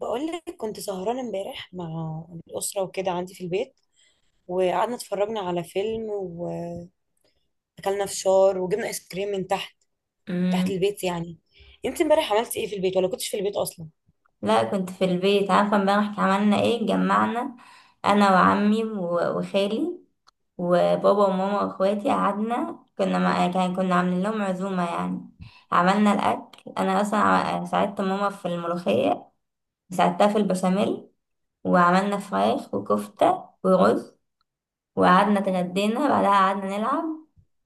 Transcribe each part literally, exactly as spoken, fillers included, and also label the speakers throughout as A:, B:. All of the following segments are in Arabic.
A: بقول لك كنت سهرانة امبارح مع الأسرة وكده عندي في البيت، وقعدنا اتفرجنا على فيلم وأكلنا فشار وجبنا آيس كريم من تحت. تحت
B: مم.
A: البيت يعني. انت امبارح عملتي ايه في البيت ولا كنتش في البيت أصلا؟
B: لا، كنت في البيت. عارفة امبارح عملنا ايه؟ جمعنا انا وعمي و- وخالي وبابا وماما واخواتي، قعدنا كنا مع... كان- كنا عاملين لهم عزومة يعني. عملنا الاكل، انا اصلا ع- ساعدت ماما في الملوخية، ساعدتها في البشاميل، وعملنا فراخ وكفتة ورز، وقعدنا اتغدينا، بعدها قعدنا نلعب.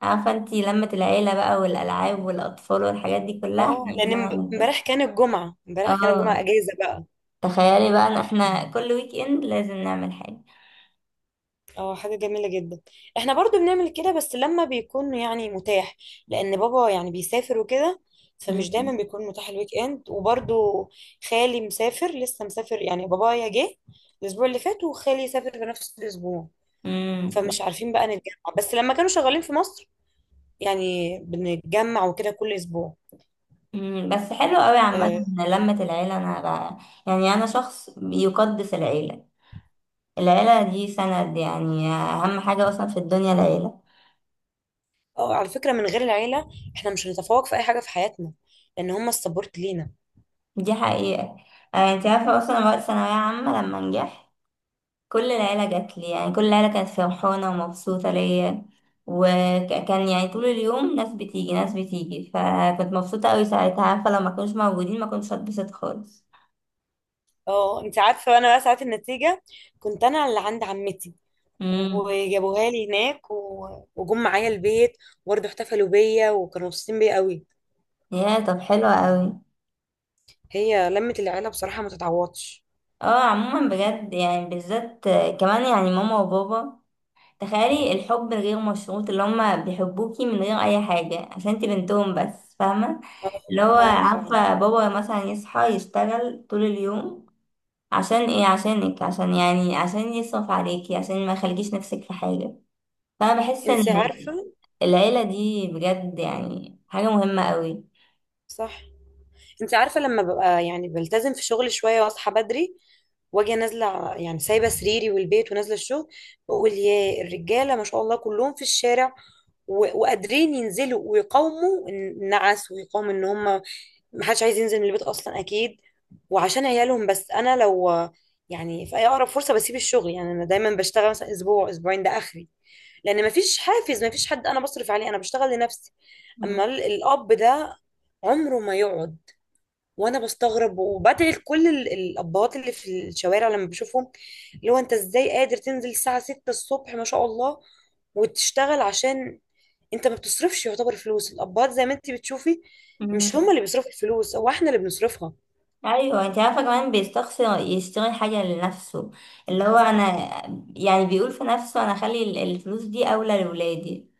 B: عارفة انتي لمة العيلة بقى، والألعاب والأطفال والحاجات دي كلها، احنا
A: اه، لأن
B: قعدنا
A: امب-
B: نعمل كده.
A: امبارح كان الجمعة، امبارح كان الجمعة
B: اه.
A: أجازة بقى.
B: تخيلي بقى ان احنا كل ويك اند لازم نعمل حاجة.
A: اه، حاجة جميلة جدا. احنا برضو بنعمل كده بس لما بيكون يعني متاح، لان بابا يعني بيسافر وكده، فمش
B: مم.
A: دايما بيكون متاح الويك اند. وبرضو خالي مسافر، لسه مسافر، يعني بابايا جه الاسبوع اللي فات وخالي سافر في نفس الاسبوع،
B: امم.
A: فمش عارفين بقى نتجمع. بس لما كانوا شغالين في مصر يعني بنتجمع وكده كل اسبوع.
B: أمم، بس حلو قوي عامة،
A: اه.
B: إن لمة العيلة، انا بقى يعني انا شخص يقدس العيلة. العيلة دي سند، يعني اهم حاجة اصلا في الدنيا العيلة.
A: آه، على فكرة من غير العيلة احنا مش هنتفوق في اي حاجة في حياتنا، لان هم السبورت لينا.
B: دي حقيقة. آه، انت عارفة اصلا أنا وقت ثانوية عامة لما نجحت، كل العيلة جات لي، يعني كل العيلة كانت فرحانة ومبسوطة ليا، وكان يعني طول اليوم ناس بتيجي ناس بتيجي، فكنت مبسوطة قوي ساعتها. عارفة لو ما كانوش موجودين ما كنتش هتبسط خالص.
A: اه انت عارفة، انا بقى ساعات النتيجة كنت انا اللي عند عمتي،
B: امم.
A: وجابوها لي هناك و- وجم معايا البيت، وبرضه احتفلوا بيا وكانوا مبسوطين بيا قوي.
B: يا طب حلو قوي.
A: هي لمة العيلة بصراحة ما تتعوضش.
B: اه، عموما بجد يعني بالذات آه، كمان يعني ماما وبابا، تخيلي الحب الغير مشروط اللي هما بيحبوكي من غير اي حاجة، عشان انتي بنتهم بس، فاهمة؟
A: اه.
B: اللي هو
A: اه فعلا.
B: عارفة بابا مثلا يصحى يشتغل طول اليوم، عشان ايه؟ عشانك، عشان يعني عشان يصرف عليكي، عشان ما يخليكيش نفسك في حاجة. فانا بحس ان
A: انت عارفة.
B: العيلة دي بجد يعني حاجة مهمة
A: صح. انت عارفه لما ببقى يعني بلتزم في شغلي شويه واصحى بدري واجي نازله، يعني سايبه سريري والبيت ونازله الشغل، بقول يا الرجاله ما شاء الله كلهم في الشارع و- وقادرين ينزلوا ويقاوموا النعس ويقاوموا ان هم محدش عايز ينزل من البيت اصلا اكيد، وعشان عيالهم. بس انا لو يعني في اي اقرب فرصه بسيب الشغل، يعني انا دايما بشتغل مثلا اسبوع اسبوعين ده اخري، لان مفيش حافز، مفيش حد انا بصرف عليه، انا بشتغل لنفسي.
B: قوي.
A: اما ال- الاب ده عمره ما يقعد، وانا بستغرب وبدعي لكل ال- الابهات اللي في الشوارع لما بشوفهم، اللي هو انت ازاي قادر تنزل الساعه ستة الصبح ما شاء الله وتشتغل؟ عشان انت ما بتصرفش، يعتبر فلوس الابهات زي ما انت بتشوفي، مش هما اللي بيصرفوا الفلوس، هو احنا اللي بنصرفها.
B: ايوه، انت عارفه كمان بيستخسر يشتري حاجه لنفسه، اللي هو انا
A: صح.
B: يعني بيقول في نفسه انا اخلي ال- الفلوس دي اولى لولادي.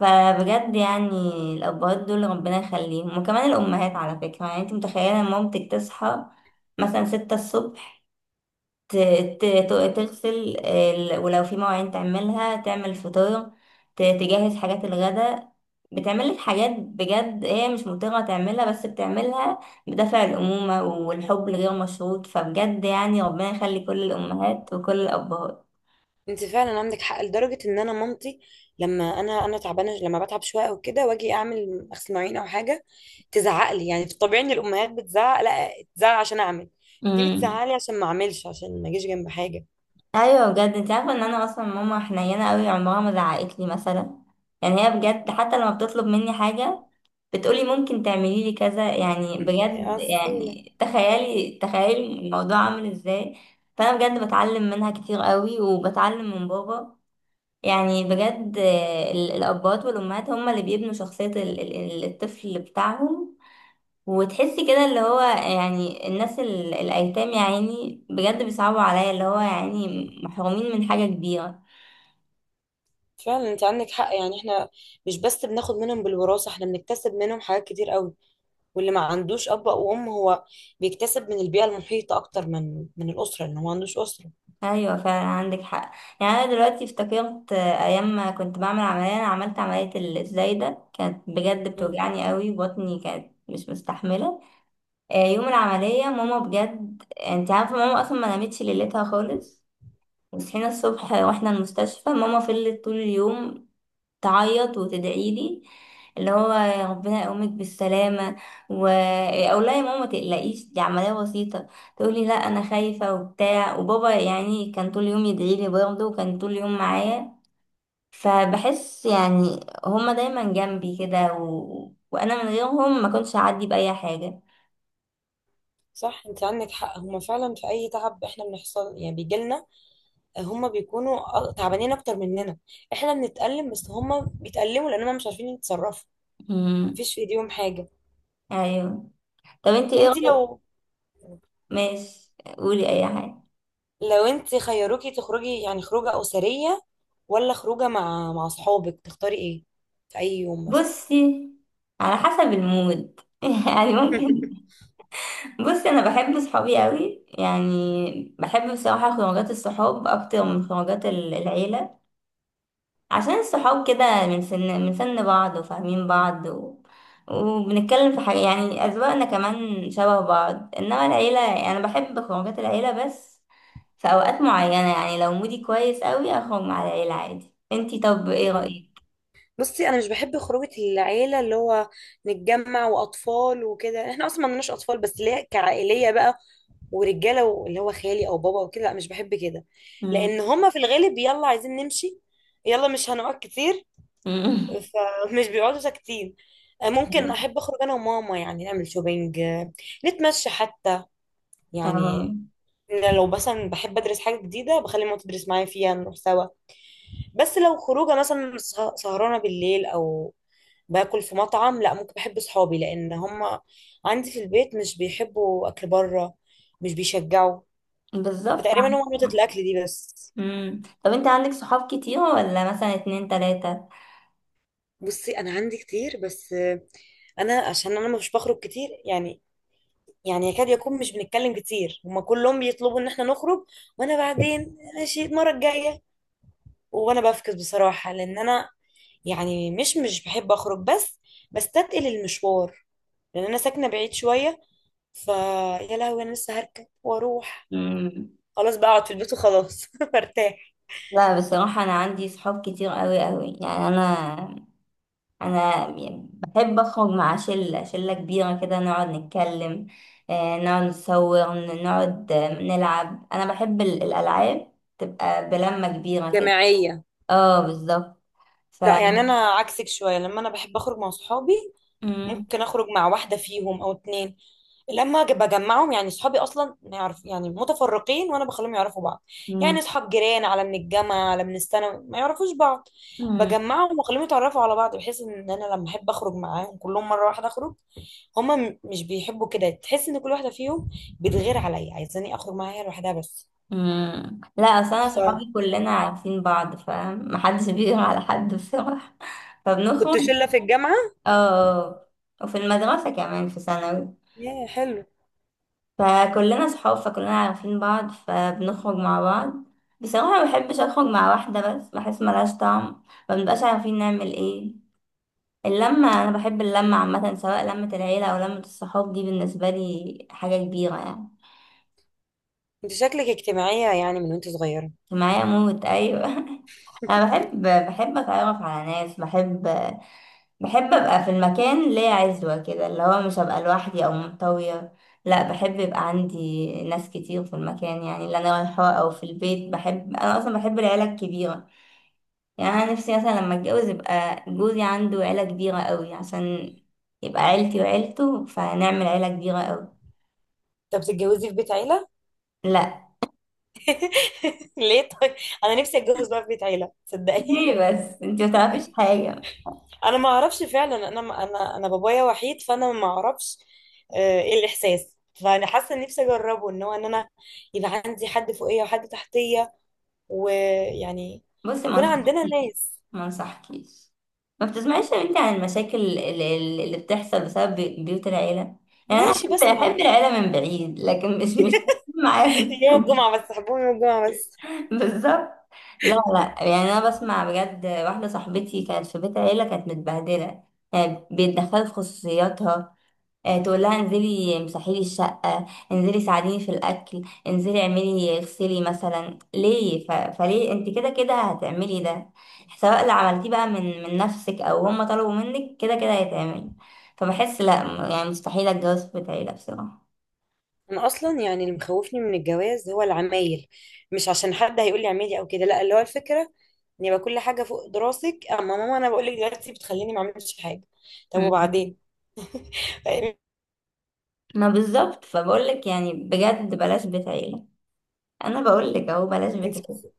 B: فبجد يعني الابهات دول ربنا يخليهم، وكمان الامهات على فكره. يعني انت متخيله مامتك تصحى مثلا ستة الصبح، ت- ت- ت- تغسل ال- ولو في مواعين، تعملها، تعمل فطار، ت- تجهز حاجات الغداء. بتعمل لك حاجات بجد هي مش مضطرة تعملها، بس بتعملها بدافع الأمومة والحب الغير مشروط. فبجد يعني ربنا يخلي كل الأمهات وكل الأبهات.
A: انت فعلا عندك حق، لدرجه ان انا مامتي لما انا انا تعبانه، لما بتعب شويه او كده واجي اعمل غسل مواعين او حاجه، تزعق لي. يعني في الطبيعي ان الامهات بتزعق، لا تزعق عشان اعمل، دي
B: امم.
A: بتزعق لي عشان ما اعملش، عشان ما اجيش جنب حاجه.
B: أيوة بجد. انت عارفة ان أنا أصلا ماما حنينة أوي، عمرها ما زعقتلي مثلا. يعني هي بجد حتى لما بتطلب مني حاجة بتقولي ممكن تعملي لي كذا، يعني
A: يا
B: بجد
A: أصيلة.
B: يعني تخيلي تخيلي الموضوع عامل ازاي. فانا بجد بتعلم منها كتير قوي، وبتعلم من بابا. يعني بجد آه، ال- الابات والامهات هم اللي بيبنوا شخصية ال- ال- الطفل بتاعهم. وتحسي كده اللي هو يعني الناس ال- الايتام يعني بجد بيصعبوا عليا، اللي هو يعني محرومين من حاجة كبيرة.
A: فعلا انت عندك حق، يعني احنا مش بس بناخد منهم بالوراثة، احنا بنكتسب منهم حاجات كتير قوي. واللي ما عندوش أب أو أم هو بيكتسب من البيئة المحيطة أكتر من من الأسرة، لأن هو ما عندوش أسرة.
B: ايوه فعلا عندك حق. يعني انا دلوقتي افتكرت آه، ايام ما كنت بعمل عمليه. انا عملت عمليه الزايده، كانت بجد
A: مم.
B: بتوجعني قوي، بطني كانت مش مستحمله. آه، يوم العمليه ماما بجد، انت عارفه ماما اصلا ما نامتش ليلتها خالص. وصحينا الصبح واحنا المستشفى، ماما فضلت طول اليوم تعيط وتدعي لي، اللي هو يا ربنا يقومك بالسلامة. و أقول لها يا ماما ما تقلقيش، دي عملية بسيطة. تقولي لا أنا خايفة وبتاع. وبابا يعني كان طول اليوم يدعي لي برضه، وكان طول اليوم معايا. فبحس يعني هما دايما جنبي كده، و... وأنا من غيرهم ما كنتش هعدي بأي حاجة.
A: صح انت عندك حق، هما فعلا في أي تعب احنا بنحصل يعني بيجيلنا، هما بيكونوا أ- تعبانين أكتر مننا، احنا بنتألم بس هما بيتألموا لأن هما مش عارفين يتصرفوا،
B: مم.
A: مفيش في ايديهم حاجة.
B: أيوه. طب انتي ايه
A: انت
B: رأيك؟
A: لو،
B: ماشي، قولي أي حاجة.
A: لو انت خيروكي تخرجي، يعني خروجه اسريه ولا خروجه مع مع اصحابك، تختاري ايه في اي يوم مثلا؟
B: بصي، على حسب المود يعني ممكن. بصي انا بحب صحابي قوي، يعني بحب بصراحه خروجات الصحاب اكتر من خروجات ال- العيله. عشان الصحاب كده من سن من سن بعض وفاهمين بعض و... وبنتكلم في حاجه، يعني اذواقنا كمان شبه بعض. انما العيله يعني انا بحب خروجات العيله بس في اوقات معينه، يعني لو مودي كويس قوي اخرج مع العيله عادي. انتي طب ايه
A: آه.
B: رايك؟
A: بصي انا مش بحب خروجه العيله، اللي هو نتجمع واطفال وكده، احنا اصلا ما عندناش اطفال بس ليه كعائليه بقى، ورجاله و- اللي هو خالي او بابا وكده، لا مش بحب كده، لان
B: مم.
A: هما في الغالب يلا عايزين نمشي، يلا مش هنقعد كتير، فمش بيقعدوا ساكتين. آه، ممكن احب اخرج انا وماما، يعني نعمل شوبينج، نتمشى حتى،
B: آه.
A: يعني إن لو مثلا بحب ادرس حاجه جديده بخلي ماما تدرس معايا فيها نروح سوا. بس لو خروجه مثلا سه- سهرانه بالليل او باكل في مطعم، لا ممكن بحب صحابي، لان هم عندي في البيت مش بيحبوا اكل بره، مش بيشجعوا،
B: بالظبط.
A: فتقريبا هو نقطه الاكل دي بس.
B: مم. طب انت عندك صحاب كتير ولا مثلا اتنين تلاته؟
A: بصي انا عندي كتير، بس انا عشان انا مش بخرج كتير، يعني يعني يكاد يكون مش بنتكلم كتير، هما كلهم بيطلبوا ان احنا نخرج، وانا بعدين ماشي المره الجايه، وانا بفكس بصراحة، لان انا يعني مش مش بحب اخرج، بس بستثقل المشوار لان انا ساكنة بعيد شوية، ف يا لهوي انا لسه هركب واروح،
B: مم.
A: خلاص بقى اقعد في البيت وخلاص برتاح.
B: لا بصراحة، أنا عندي صحاب كتير قوي قوي، يعني أنا أنا بحب أخرج مع شلة شلة كبيرة كده نقعد نتكلم، آه، نقعد نصور، ن- نقعد آه، نلعب. أنا بحب ال- الألعاب، تبقى بلمة كبيرة كده.
A: جماعية.
B: اه بالظبط. ف
A: لا يعني انا عكسك شوية، لما انا بحب اخرج مع صحابي
B: مم.
A: ممكن اخرج مع واحده فيهم او اتنين، لما أجي بجمعهم، يعني صحابي اصلا ما يعرف يعني متفرقين، وانا بخليهم يعرفوا بعض، يعني
B: مم.
A: اصحاب جيران، على من الجامعه، على من الثانوي، ما يعرفوش بعض،
B: مم.
A: بجمعهم واخليهم يتعرفوا على بعض بحيث ان انا لما احب اخرج معاهم كلهم مره واحده اخرج. هما م- مش بيحبوا كده، تحس ان كل واحده فيهم بتغير عليا عايزاني اخرج معاها هي لوحدها بس.
B: مم. لا أصل أنا
A: فكنت
B: صحابي كلنا عارفين بعض، فمحدش بيغير على حد بصراحة فبنخرج.
A: شله في الجامعه.
B: اه. وفي المدرسة كمان في ثانوي،
A: يا حلو.
B: فكلنا صحاب، فكلنا عارفين بعض، فبنخرج مع بعض. بصراحة ما بحبش أخرج مع واحدة بس، بحس ملهاش طعم، ما بنبقاش عارفين نعمل ايه. اللمة أنا بحب اللمة عامة، سواء لمة العيلة أو لمة الصحاب، دي بالنسبة لي حاجة كبيرة يعني.
A: انت شكلك اجتماعيه يعني من وانت صغيره.
B: معايا موت أيوة أنا بحب بحب أتعرف على ناس، بحب بحب ابقى في المكان ليا عزوة كده، اللي هو مش هبقى لوحدي او منطوية. لا، بحب يبقى عندي ناس كتير في المكان، يعني اللي انا رايحاه او في البيت. بحب انا اصلا بحب العيلة الكبيرة. يعني انا نفسي مثلا لما اتجوز يبقى جوزي عنده عيلة كبيرة قوي، عشان يبقى عيلتي وعيلته، فنعمل عيلة كبيرة قوي.
A: طب بتتجوزي في بيت عيله؟
B: لا.
A: ليه طيب، انا نفسي اتجوز بقى في بيت عيله صدقني.
B: ليه بس؟ انت متعرفيش حاجة.
A: انا ما اعرفش فعلا، انا انا انا بابايا وحيد فانا ما اعرفش آه، ايه الاحساس، فانا حاسه إن نفسي اجربه ان هو ان انا يبقى عندي حد فوقيه وحد تحتيه، ويعني
B: بصي ما
A: يكون عندنا
B: انصحكيش،
A: ناس.
B: ما انصحكيش. ما بتسمعيش يا بنتي عن المشاكل اللي, اللي بتحصل بسبب بي- بيوت العيلة؟ يعني أنا
A: ماشي
B: أحب
A: بسمع.
B: أحب العيلة من بعيد، لكن مش مش معايا في
A: يوم الجمعه بس، حبهم يوم الجمعه بس.
B: بالظبط. لا لا، يعني أنا بسمع بجد. واحدة صاحبتي كانت في بيت عيلة كانت متبهدلة، يعني بيتدخلوا في خصوصياتها. آه، تقول لها انزلي امسحي لي الشقة، انزلي ساعديني في الأكل، انزلي اعملي اغسلي، مثلا ليه؟ ف... فليه انت كده كده هتعملي ده؟ سواء اللي عملتيه بقى من من نفسك او هم طلبوا منك، كده كده هيتعمل. فبحس لا، م- يعني مستحيل اتجوز في بيت عيلة بصراحة.
A: انا اصلا يعني اللي مخوفني من الجواز هو العمايل، مش عشان حد هيقول لي عمالي او كده، لا اللي هو الفكره ان يبقى كل حاجه فوق دراسك، اما ماما انا بقول لك دلوقتي بتخليني ما اعملش حاجه، طب
B: مم.
A: وبعدين؟ طيب،
B: ما بالظبط، فبقولك يعني بجد بلاش بيت عيلة. انا بقولك اهو، بلاش بيت.
A: انت بت...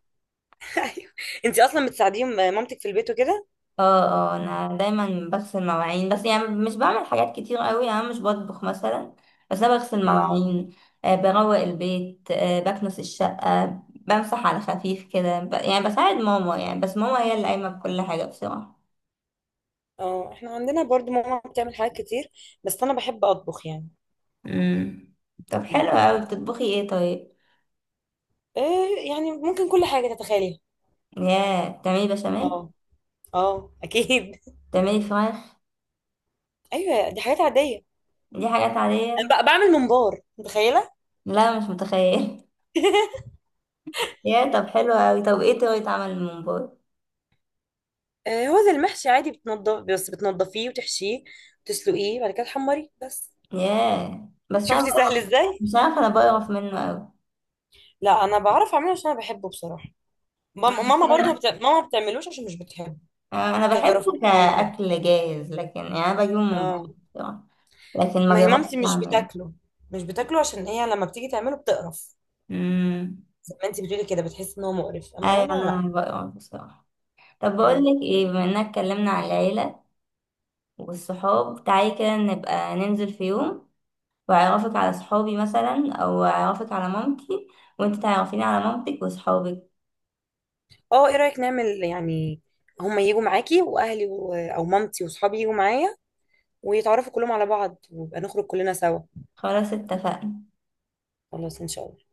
A: ايوه. انت اصلا بتساعديهم مامتك في البيت وكده؟
B: اه. اه انا دايما بغسل مواعين بس، يعني مش بعمل حاجات كتير قوي، يعني أنا مش بطبخ مثلا، بس انا بغسل
A: مم.
B: مواعين. آه بروق البيت، آه بكنس الشقة، بمسح على خفيف كده، ب... يعني بساعد ماما يعني، بس ماما هي اللي قايمة بكل حاجة بصراحة.
A: اه احنا عندنا برضو ماما بتعمل حاجات كتير، بس انا بحب اطبخ يعني.
B: امم. طب
A: مم.
B: حلو قوي، بتطبخي ايه طيب؟
A: إيه يعني ممكن كل حاجه تتخيليها.
B: يا بتعملي بشاميل؟
A: اه. اه اكيد
B: بتعملي فراخ؟
A: ايوه دي حاجات عاديه.
B: دي حاجات عادية.
A: انا ب- بعمل ممبار، متخيله؟
B: لا مش متخيل يا طب حلو قوي، طب ايه طريقة عمل الممبار؟
A: آه، هو زي المحشي عادي، بتنضف، بس بتنضفيه وتحشيه وتسلقيه بعد كده تحمريه بس.
B: يا بس انا
A: شفتي
B: بقى-
A: سهل ازاي؟
B: مش عارفة انا بقرف منه قوي.
A: لا انا بعرف اعمله عشان انا بحبه بصراحه. مام- ماما برضو ما بت... ماما ما بتعملوش عشان مش بتحبه.
B: آه، انا
A: بتقرف
B: بحبه
A: منه زي كده.
B: كاكل جاهز، لكن يعني انا بجيبه من
A: اه.
B: بره بصراحه، لكن ما
A: ما هي مامتي
B: جربتش
A: مش
B: اعمله.
A: بتاكله، مش بتاكله عشان هي لما بتيجي تعمله بتقرف
B: امم.
A: زي ما انت بتقولي كده، بتحس ان هو مقرف، اما
B: ايوه
A: انا لا.
B: انا بقرا بصراحه. طب بقول
A: مم.
B: لك ايه، بما اننا اتكلمنا عن العيله والصحاب، تعالي كده نبقى ننزل في يوم، واعرفك على صحابي مثلا او اعرفك على مامتي، وانت تعرفيني على مامتك وصحابك.
A: اه ايه رايك نعمل يعني هما يجوا معاكي واهلي و... او مامتي واصحابي يجوا معايا ويتعرفوا كلهم على بعض ويبقى نخرج كلنا سوا.
B: خلاص اتفقنا.
A: خلاص ان شاء الله.